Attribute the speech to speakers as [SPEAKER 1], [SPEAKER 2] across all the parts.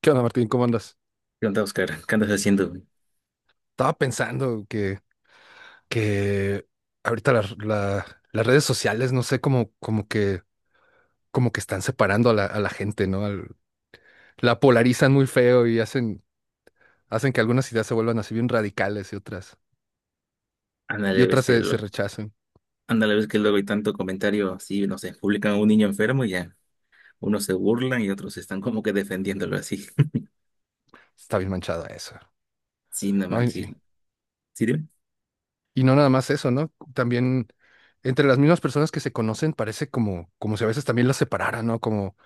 [SPEAKER 1] ¿Qué onda, Martín? ¿Cómo andas?
[SPEAKER 2] ¿Qué onda, Oscar? ¿Qué andas haciendo, güey?
[SPEAKER 1] Estaba pensando que ahorita las redes sociales, no sé, como que están separando a la gente, ¿no? Al- la polarizan muy feo y hacen que algunas ideas se vuelvan así bien radicales y otras, y
[SPEAKER 2] Ándale,
[SPEAKER 1] otras
[SPEAKER 2] ves que,
[SPEAKER 1] se
[SPEAKER 2] lo-
[SPEAKER 1] rechacen.
[SPEAKER 2] ándale, ves que luego hay tanto comentario así, no sé, publican a un niño enfermo y ya unos se burlan y otros están como que defendiéndolo así.
[SPEAKER 1] Está bien manchado eso,
[SPEAKER 2] Sí, no
[SPEAKER 1] ¿no?
[SPEAKER 2] manches.
[SPEAKER 1] Y,
[SPEAKER 2] ¿Sí, dime?
[SPEAKER 1] y no nada más eso, ¿no? También entre las mismas personas que se conocen parece como, como si a veces también las separaran, ¿no? Como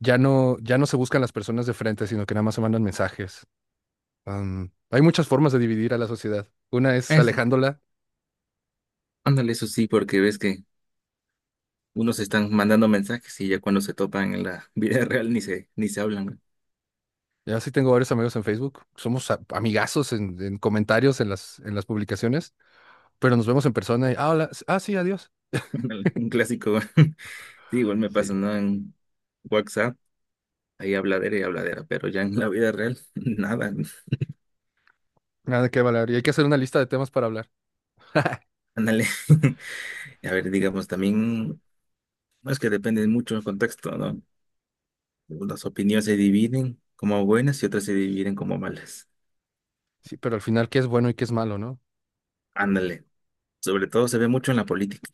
[SPEAKER 1] ya no, ya no se buscan las personas de frente, sino que nada más se mandan mensajes. Hay muchas formas de dividir a la sociedad. Una es
[SPEAKER 2] Es-
[SPEAKER 1] alejándola.
[SPEAKER 2] Ándale, eso sí, porque ves que unos están mandando mensajes y ya cuando se topan en la vida real ni se hablan, güey.
[SPEAKER 1] Ya sí tengo varios amigos en Facebook. Somos a- amigazos en comentarios, en las publicaciones, pero nos vemos en persona y, ah, hola, s- ah, sí, adiós.
[SPEAKER 2] Ándale, un clásico, güey. Sí, igual me
[SPEAKER 1] Sí,
[SPEAKER 2] pasa, ¿no? En WhatsApp, ahí habladera y habladera, pero ya en la vida real, nada.
[SPEAKER 1] nada que hablar. Y hay que hacer una lista de temas para hablar.
[SPEAKER 2] Ándale. A ver, digamos, también. No, es que depende mucho del contexto, ¿no? Las opiniones se dividen como buenas y otras se dividen como malas.
[SPEAKER 1] Sí, pero al final, ¿qué es bueno y qué es malo, no?
[SPEAKER 2] Ándale. Sobre todo se ve mucho en la política.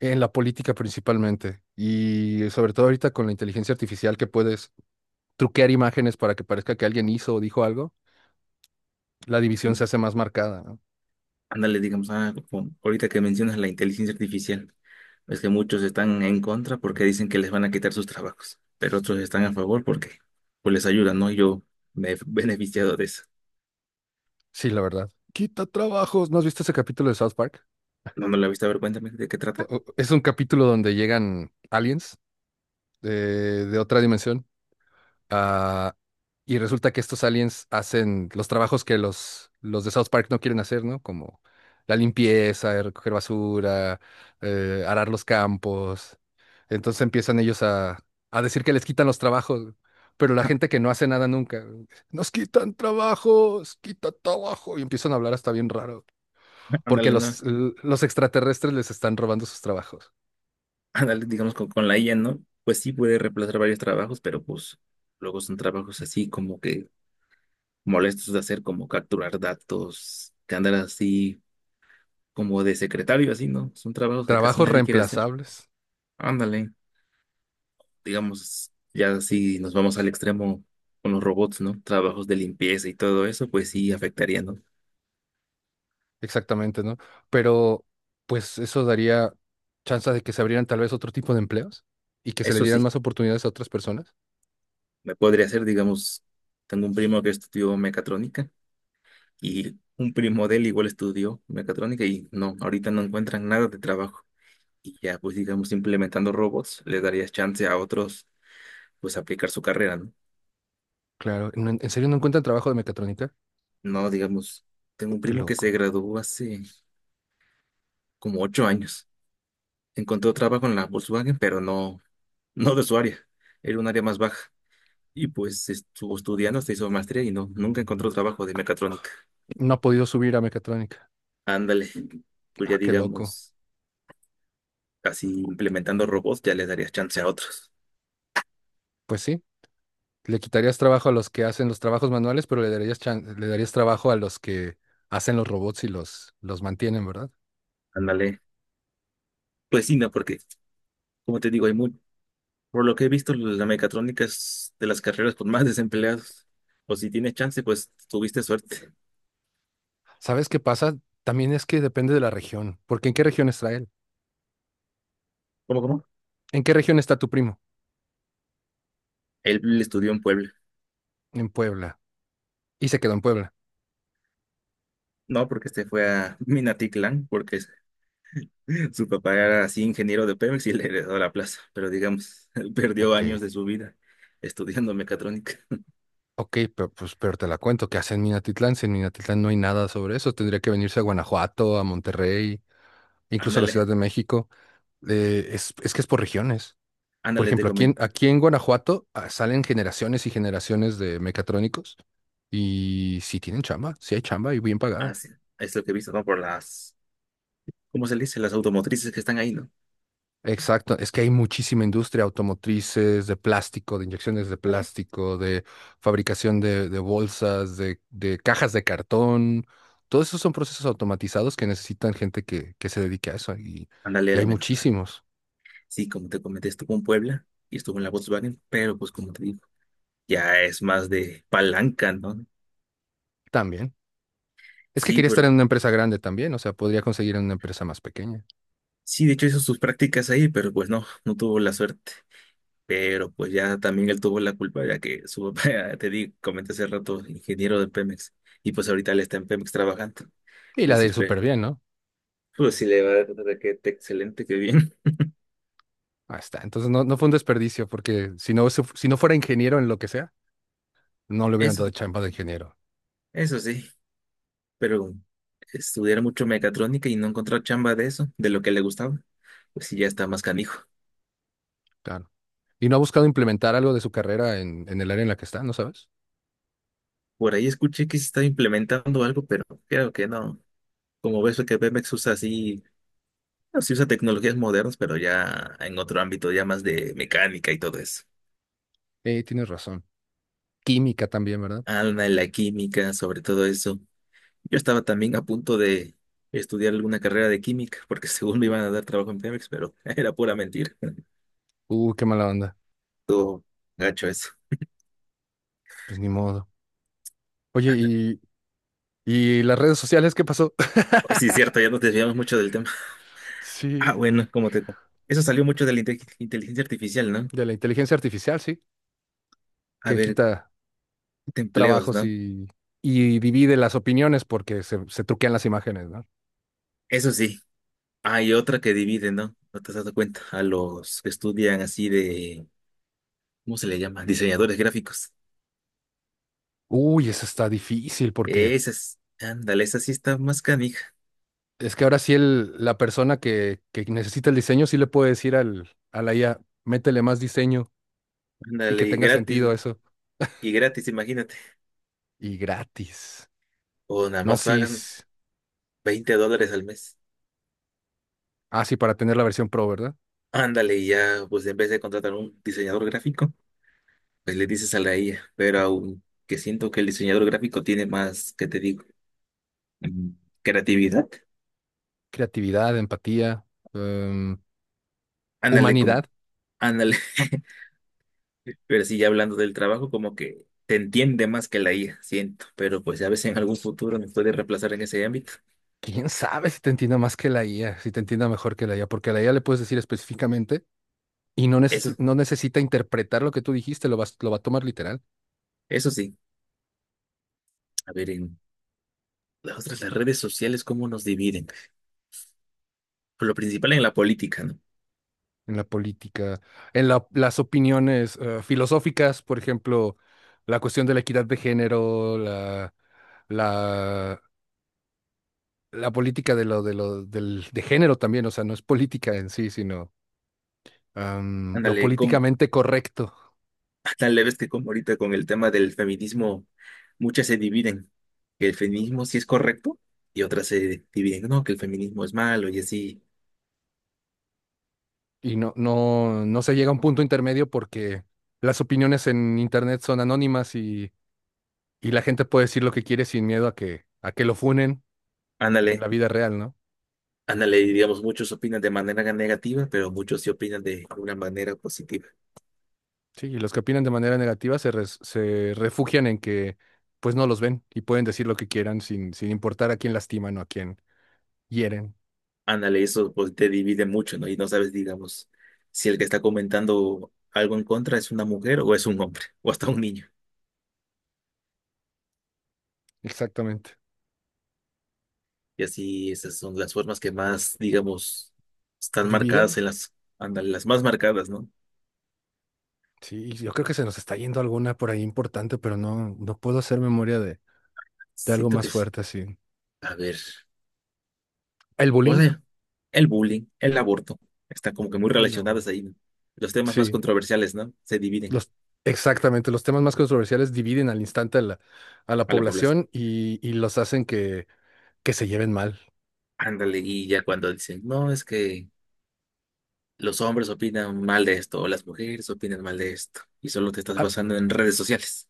[SPEAKER 1] En la política principalmente. Y sobre todo ahorita con la inteligencia artificial que puedes truquear imágenes para que parezca que alguien hizo o dijo algo, la división se hace más marcada, ¿no?
[SPEAKER 2] Ándale, digamos, como ahorita que mencionas la inteligencia artificial, es que muchos están en contra porque dicen que les van a quitar sus trabajos, pero otros están a favor porque pues les ayudan, ¿no? Yo me he beneficiado de eso.
[SPEAKER 1] Sí, la verdad. Quita trabajos. ¿No has visto ese capítulo de South Park?
[SPEAKER 2] No me lo he visto, a ver cuéntame de qué trata.
[SPEAKER 1] O- Es un capítulo donde llegan aliens eh, de otra dimensión ah, y resulta que estos aliens hacen los trabajos que los de South Park no quieren hacer, ¿no? Como la limpieza, recoger basura, arar los campos. Entonces empiezan ellos a decir que les quitan los trabajos, pero la gente que no hace nada nunca, nos quitan trabajos, quita trabajo, y empiezan a hablar hasta bien raro, porque
[SPEAKER 2] Ándale, ¿no?
[SPEAKER 1] los extraterrestres les están robando sus trabajos.
[SPEAKER 2] Ándale, digamos, con la IA, ¿no? Pues sí puede reemplazar varios trabajos, pero pues luego son trabajos así como que molestos de hacer como capturar datos, que andar así como de secretario, así, ¿no? Son trabajos que casi
[SPEAKER 1] Trabajos
[SPEAKER 2] nadie quiere hacer.
[SPEAKER 1] reemplazables,
[SPEAKER 2] Ándale, digamos, ya así nos vamos al extremo con los robots, ¿no? Trabajos de limpieza y todo eso, pues sí afectaría, ¿no?
[SPEAKER 1] exactamente, ¿no? Pero pues eso daría chance de que se abrieran tal vez otro tipo de empleos y que se le
[SPEAKER 2] Eso
[SPEAKER 1] dieran
[SPEAKER 2] sí,
[SPEAKER 1] más oportunidades a otras personas.
[SPEAKER 2] me podría hacer, digamos, tengo un primo que estudió mecatrónica y un primo de él igual estudió mecatrónica y no, ahorita no encuentran nada de trabajo. Y ya, pues digamos, implementando robots, le darías chance a otros, pues, aplicar su carrera, ¿no?
[SPEAKER 1] Claro, ¿no- ¿en serio no encuentran trabajo de mecatrónica?
[SPEAKER 2] No, digamos, tengo un
[SPEAKER 1] Qué
[SPEAKER 2] primo que se
[SPEAKER 1] loco.
[SPEAKER 2] graduó hace como ocho años. Encontró trabajo en la Volkswagen, pero no, no de su área. Era un área más baja. Y pues estuvo estudiando, se hizo maestría y no, nunca encontró trabajo de mecatrónica.
[SPEAKER 1] No ha podido subir a mecatrónica.
[SPEAKER 2] Ándale, pues ya
[SPEAKER 1] Ah, qué loco.
[SPEAKER 2] digamos, así implementando robots, ya le darías chance a otros.
[SPEAKER 1] Pues sí, le quitarías trabajo a los que hacen los trabajos manuales, pero le darías chan- le darías trabajo a los que hacen los robots y los mantienen, ¿verdad?
[SPEAKER 2] Ándale, pues sí, no, porque, como te digo, por lo que he visto, la mecatrónica es de las carreras con más desempleados. O si tienes chance, pues tuviste suerte.
[SPEAKER 1] ¿Sabes qué pasa? También es que depende de la región, porque ¿en qué región está él?
[SPEAKER 2] ¿Cómo, cómo?
[SPEAKER 1] ¿En qué región está tu primo?
[SPEAKER 2] Él estudió en Puebla.
[SPEAKER 1] En Puebla. Y se quedó en Puebla.
[SPEAKER 2] No, porque este fue a Minatitlán. Su papá era así ingeniero de Pemex y le heredó la plaza, pero digamos, perdió años
[SPEAKER 1] Ok.
[SPEAKER 2] de su vida estudiando mecatrónica.
[SPEAKER 1] Ok, pero, pues, pero te la cuento, ¿qué hace en Minatitlán? Si en Minatitlán no hay nada sobre eso, tendría que venirse a Guanajuato, a Monterrey, incluso a la Ciudad
[SPEAKER 2] Ándale,
[SPEAKER 1] de México. Es que es por regiones. Por
[SPEAKER 2] ándale, te
[SPEAKER 1] ejemplo, aquí en,
[SPEAKER 2] comento.
[SPEAKER 1] aquí en Guanajuato salen generaciones y generaciones de mecatrónicos y sí tienen chamba, sí hay chamba y bien pagada.
[SPEAKER 2] Así es lo que he visto, ¿no? Por las, ¿cómo se le dice? Las automotrices que están ahí, ¿no?
[SPEAKER 1] Exacto, es que hay muchísima industria automotrices, de plástico, de inyecciones de plástico, de fabricación de bolsas, de cajas de cartón. Todos esos son procesos automatizados que necesitan gente que se dedique a eso y,
[SPEAKER 2] Ándale a
[SPEAKER 1] y
[SPEAKER 2] la
[SPEAKER 1] hay
[SPEAKER 2] mecatrónica.
[SPEAKER 1] muchísimos
[SPEAKER 2] Sí, como te comenté, estuvo en Puebla y estuvo en la Volkswagen, pero pues como te digo, ya es más de palanca, ¿no?
[SPEAKER 1] también. Es que
[SPEAKER 2] Sí,
[SPEAKER 1] quería estar en una empresa grande también, o sea, podría conseguir en una empresa más pequeña.
[SPEAKER 2] sí, de hecho hizo sus prácticas ahí, pero pues no, no tuvo la suerte. Pero pues ya también él tuvo la culpa, ya que su papá, comenté hace rato, ingeniero de Pemex, y pues ahorita él está en Pemex trabajando.
[SPEAKER 1] Y
[SPEAKER 2] Es
[SPEAKER 1] la de ir
[SPEAKER 2] decir,
[SPEAKER 1] súper bien, ¿no?
[SPEAKER 2] pues sí le va a dar excelente, qué bien.
[SPEAKER 1] Ahí está. Entonces no, no fue un desperdicio porque si no, se- si no fuera ingeniero en lo que sea, no le hubieran
[SPEAKER 2] Eso,
[SPEAKER 1] dado chamba de ingeniero.
[SPEAKER 2] eso sí, pero estudiar mucho mecatrónica y no encontrar chamba de eso, de lo que le gustaba, pues sí ya está más canijo.
[SPEAKER 1] Claro. Y no ha buscado implementar algo de su carrera en el área en la que está, ¿no sabes?
[SPEAKER 2] Por ahí escuché que se está implementando algo, pero creo que no. Como ves, que Pemex usa así, no, sí usa tecnologías modernas, pero ya en otro ámbito, ya más de mecánica y todo eso.
[SPEAKER 1] Tienes razón. Química también, ¿verdad?
[SPEAKER 2] Alma en la química, sobre todo eso. Yo estaba también a punto de estudiar alguna carrera de química, porque según me iban a dar trabajo en Pemex, pero era pura mentira.
[SPEAKER 1] Qué mala onda.
[SPEAKER 2] Todo gacho eso.
[SPEAKER 1] Pues ni modo. Oye, y las redes sociales qué pasó?
[SPEAKER 2] Pues sí, cierto, ya nos desviamos mucho del tema.
[SPEAKER 1] Sí,
[SPEAKER 2] Ah, bueno, como te. Eso salió mucho de la inteligencia artificial, ¿no?
[SPEAKER 1] de la inteligencia artificial, sí,
[SPEAKER 2] A
[SPEAKER 1] que
[SPEAKER 2] ver,
[SPEAKER 1] quita
[SPEAKER 2] de empleos,
[SPEAKER 1] trabajos
[SPEAKER 2] ¿no?
[SPEAKER 1] y divide las opiniones porque se truquean las imágenes, ¿no?
[SPEAKER 2] Eso sí, hay otra que divide, ¿no? ¿No te has dado cuenta? A los que estudian así de. ¿Cómo se le llama? Diseñadores gráficos.
[SPEAKER 1] Uy, eso está difícil porque
[SPEAKER 2] Esas, ándale, esa sí está más canija.
[SPEAKER 1] es que ahora sí la persona que necesita el diseño sí le puede decir al, a la IA, métele más diseño y
[SPEAKER 2] Ándale,
[SPEAKER 1] que
[SPEAKER 2] y
[SPEAKER 1] tenga
[SPEAKER 2] gratis.
[SPEAKER 1] sentido eso.
[SPEAKER 2] Y gratis, imagínate.
[SPEAKER 1] Y gratis.
[SPEAKER 2] O nada
[SPEAKER 1] No,
[SPEAKER 2] más
[SPEAKER 1] sí.
[SPEAKER 2] pagan $20 al mes.
[SPEAKER 1] Ah, sí, para tener la versión pro, ¿verdad?
[SPEAKER 2] Ándale, y ya, pues en vez de contratar un diseñador gráfico, pues le dices a la IA. Pero aunque siento que el diseñador gráfico tiene más, ¿qué te digo? Mm, Creatividad.
[SPEAKER 1] Creatividad, empatía, em,
[SPEAKER 2] Ándale,
[SPEAKER 1] humanidad.
[SPEAKER 2] ándale. Pero sí, ya hablando del trabajo, como que te entiende más que la IA, siento. Pero pues a veces en algún futuro nos puede reemplazar en ese ámbito.
[SPEAKER 1] ¿Quién sabe si te entienda más que la IA, si te entienda mejor que la IA? Porque a la IA le puedes decir específicamente y no, neces-
[SPEAKER 2] Eso,
[SPEAKER 1] no necesita interpretar lo que tú dijiste, lo, vas- lo va a tomar literal.
[SPEAKER 2] eso sí. A ver, en las redes sociales, ¿cómo nos dividen? Por lo principal en la política, ¿no?
[SPEAKER 1] En la política, en la- las opiniones filosóficas, por ejemplo, la cuestión de la equidad de género, la, la política de género también, o sea, no es política en sí, sino lo
[SPEAKER 2] Ándale, ¿cómo?
[SPEAKER 1] políticamente correcto
[SPEAKER 2] Tan leves que como ahorita con el tema del feminismo, muchas se dividen, que el feminismo sí es correcto y otras se dividen, no, que el feminismo es malo y así.
[SPEAKER 1] y no se llega a un punto intermedio porque las opiniones en internet son anónimas y la gente puede decir lo que quiere sin miedo a que lo funen en
[SPEAKER 2] Ándale,
[SPEAKER 1] la vida real, ¿no?
[SPEAKER 2] ándale, y digamos, muchos opinan de manera negativa, pero muchos sí opinan de una manera positiva.
[SPEAKER 1] Sí, y los que opinan de manera negativa se, res- se refugian en que pues no los ven y pueden decir lo que quieran sin, sin importar a quién lastiman o a quién hieren.
[SPEAKER 2] Ándale, eso pues te divide mucho, ¿no? Y no sabes, digamos, si el que está comentando algo en contra es una mujer o es un hombre o hasta un niño.
[SPEAKER 1] Exactamente.
[SPEAKER 2] Y así esas son las formas que más, digamos, están marcadas
[SPEAKER 1] ¿Dividen?
[SPEAKER 2] en las, ándale, las más marcadas, ¿no?
[SPEAKER 1] Sí, yo creo que se nos está yendo alguna por ahí importante, pero no, no puedo hacer memoria de algo
[SPEAKER 2] Siento
[SPEAKER 1] más
[SPEAKER 2] que sí.
[SPEAKER 1] fuerte así.
[SPEAKER 2] A ver,
[SPEAKER 1] ¿El
[SPEAKER 2] o
[SPEAKER 1] bullying?
[SPEAKER 2] sea, el bullying, el aborto, están como que muy
[SPEAKER 1] En la U.
[SPEAKER 2] relacionados ahí, ¿no? Los temas más
[SPEAKER 1] Sí,
[SPEAKER 2] controversiales, ¿no? Se dividen
[SPEAKER 1] los, exactamente. Los temas más controversiales dividen al instante a la
[SPEAKER 2] a la población.
[SPEAKER 1] población y los hacen que se lleven mal.
[SPEAKER 2] Ándale, y ya cuando dicen, no, es que los hombres opinan mal de esto, o las mujeres opinan mal de esto, y solo te estás
[SPEAKER 1] Ah,
[SPEAKER 2] basando en redes sociales.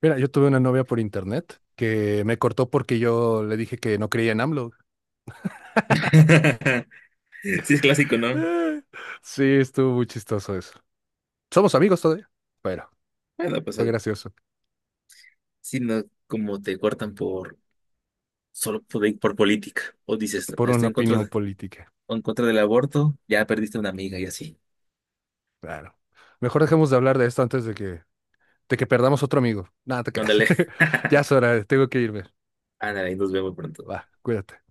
[SPEAKER 1] mira, yo tuve una novia por internet que me cortó porque yo le dije que no creía en AMLO.
[SPEAKER 2] Sí, es clásico, ¿no?
[SPEAKER 1] Eh, Sí, estuvo muy chistoso eso. Somos amigos todavía, pero
[SPEAKER 2] Bueno, pues
[SPEAKER 1] fue
[SPEAKER 2] algo.
[SPEAKER 1] gracioso
[SPEAKER 2] Sí, no, como te cortan por, solo por, política, o dices,
[SPEAKER 1] por
[SPEAKER 2] estoy
[SPEAKER 1] una
[SPEAKER 2] en contra
[SPEAKER 1] opinión política.
[SPEAKER 2] en contra del aborto, ya perdiste una amiga y así.
[SPEAKER 1] Claro. Mejor dejemos de hablar de esto antes de de que perdamos otro amigo. Nada, te quedas.
[SPEAKER 2] Ándale.
[SPEAKER 1] Ya es hora, tengo que irme.
[SPEAKER 2] Ándale, nos vemos pronto.
[SPEAKER 1] Va, cuídate.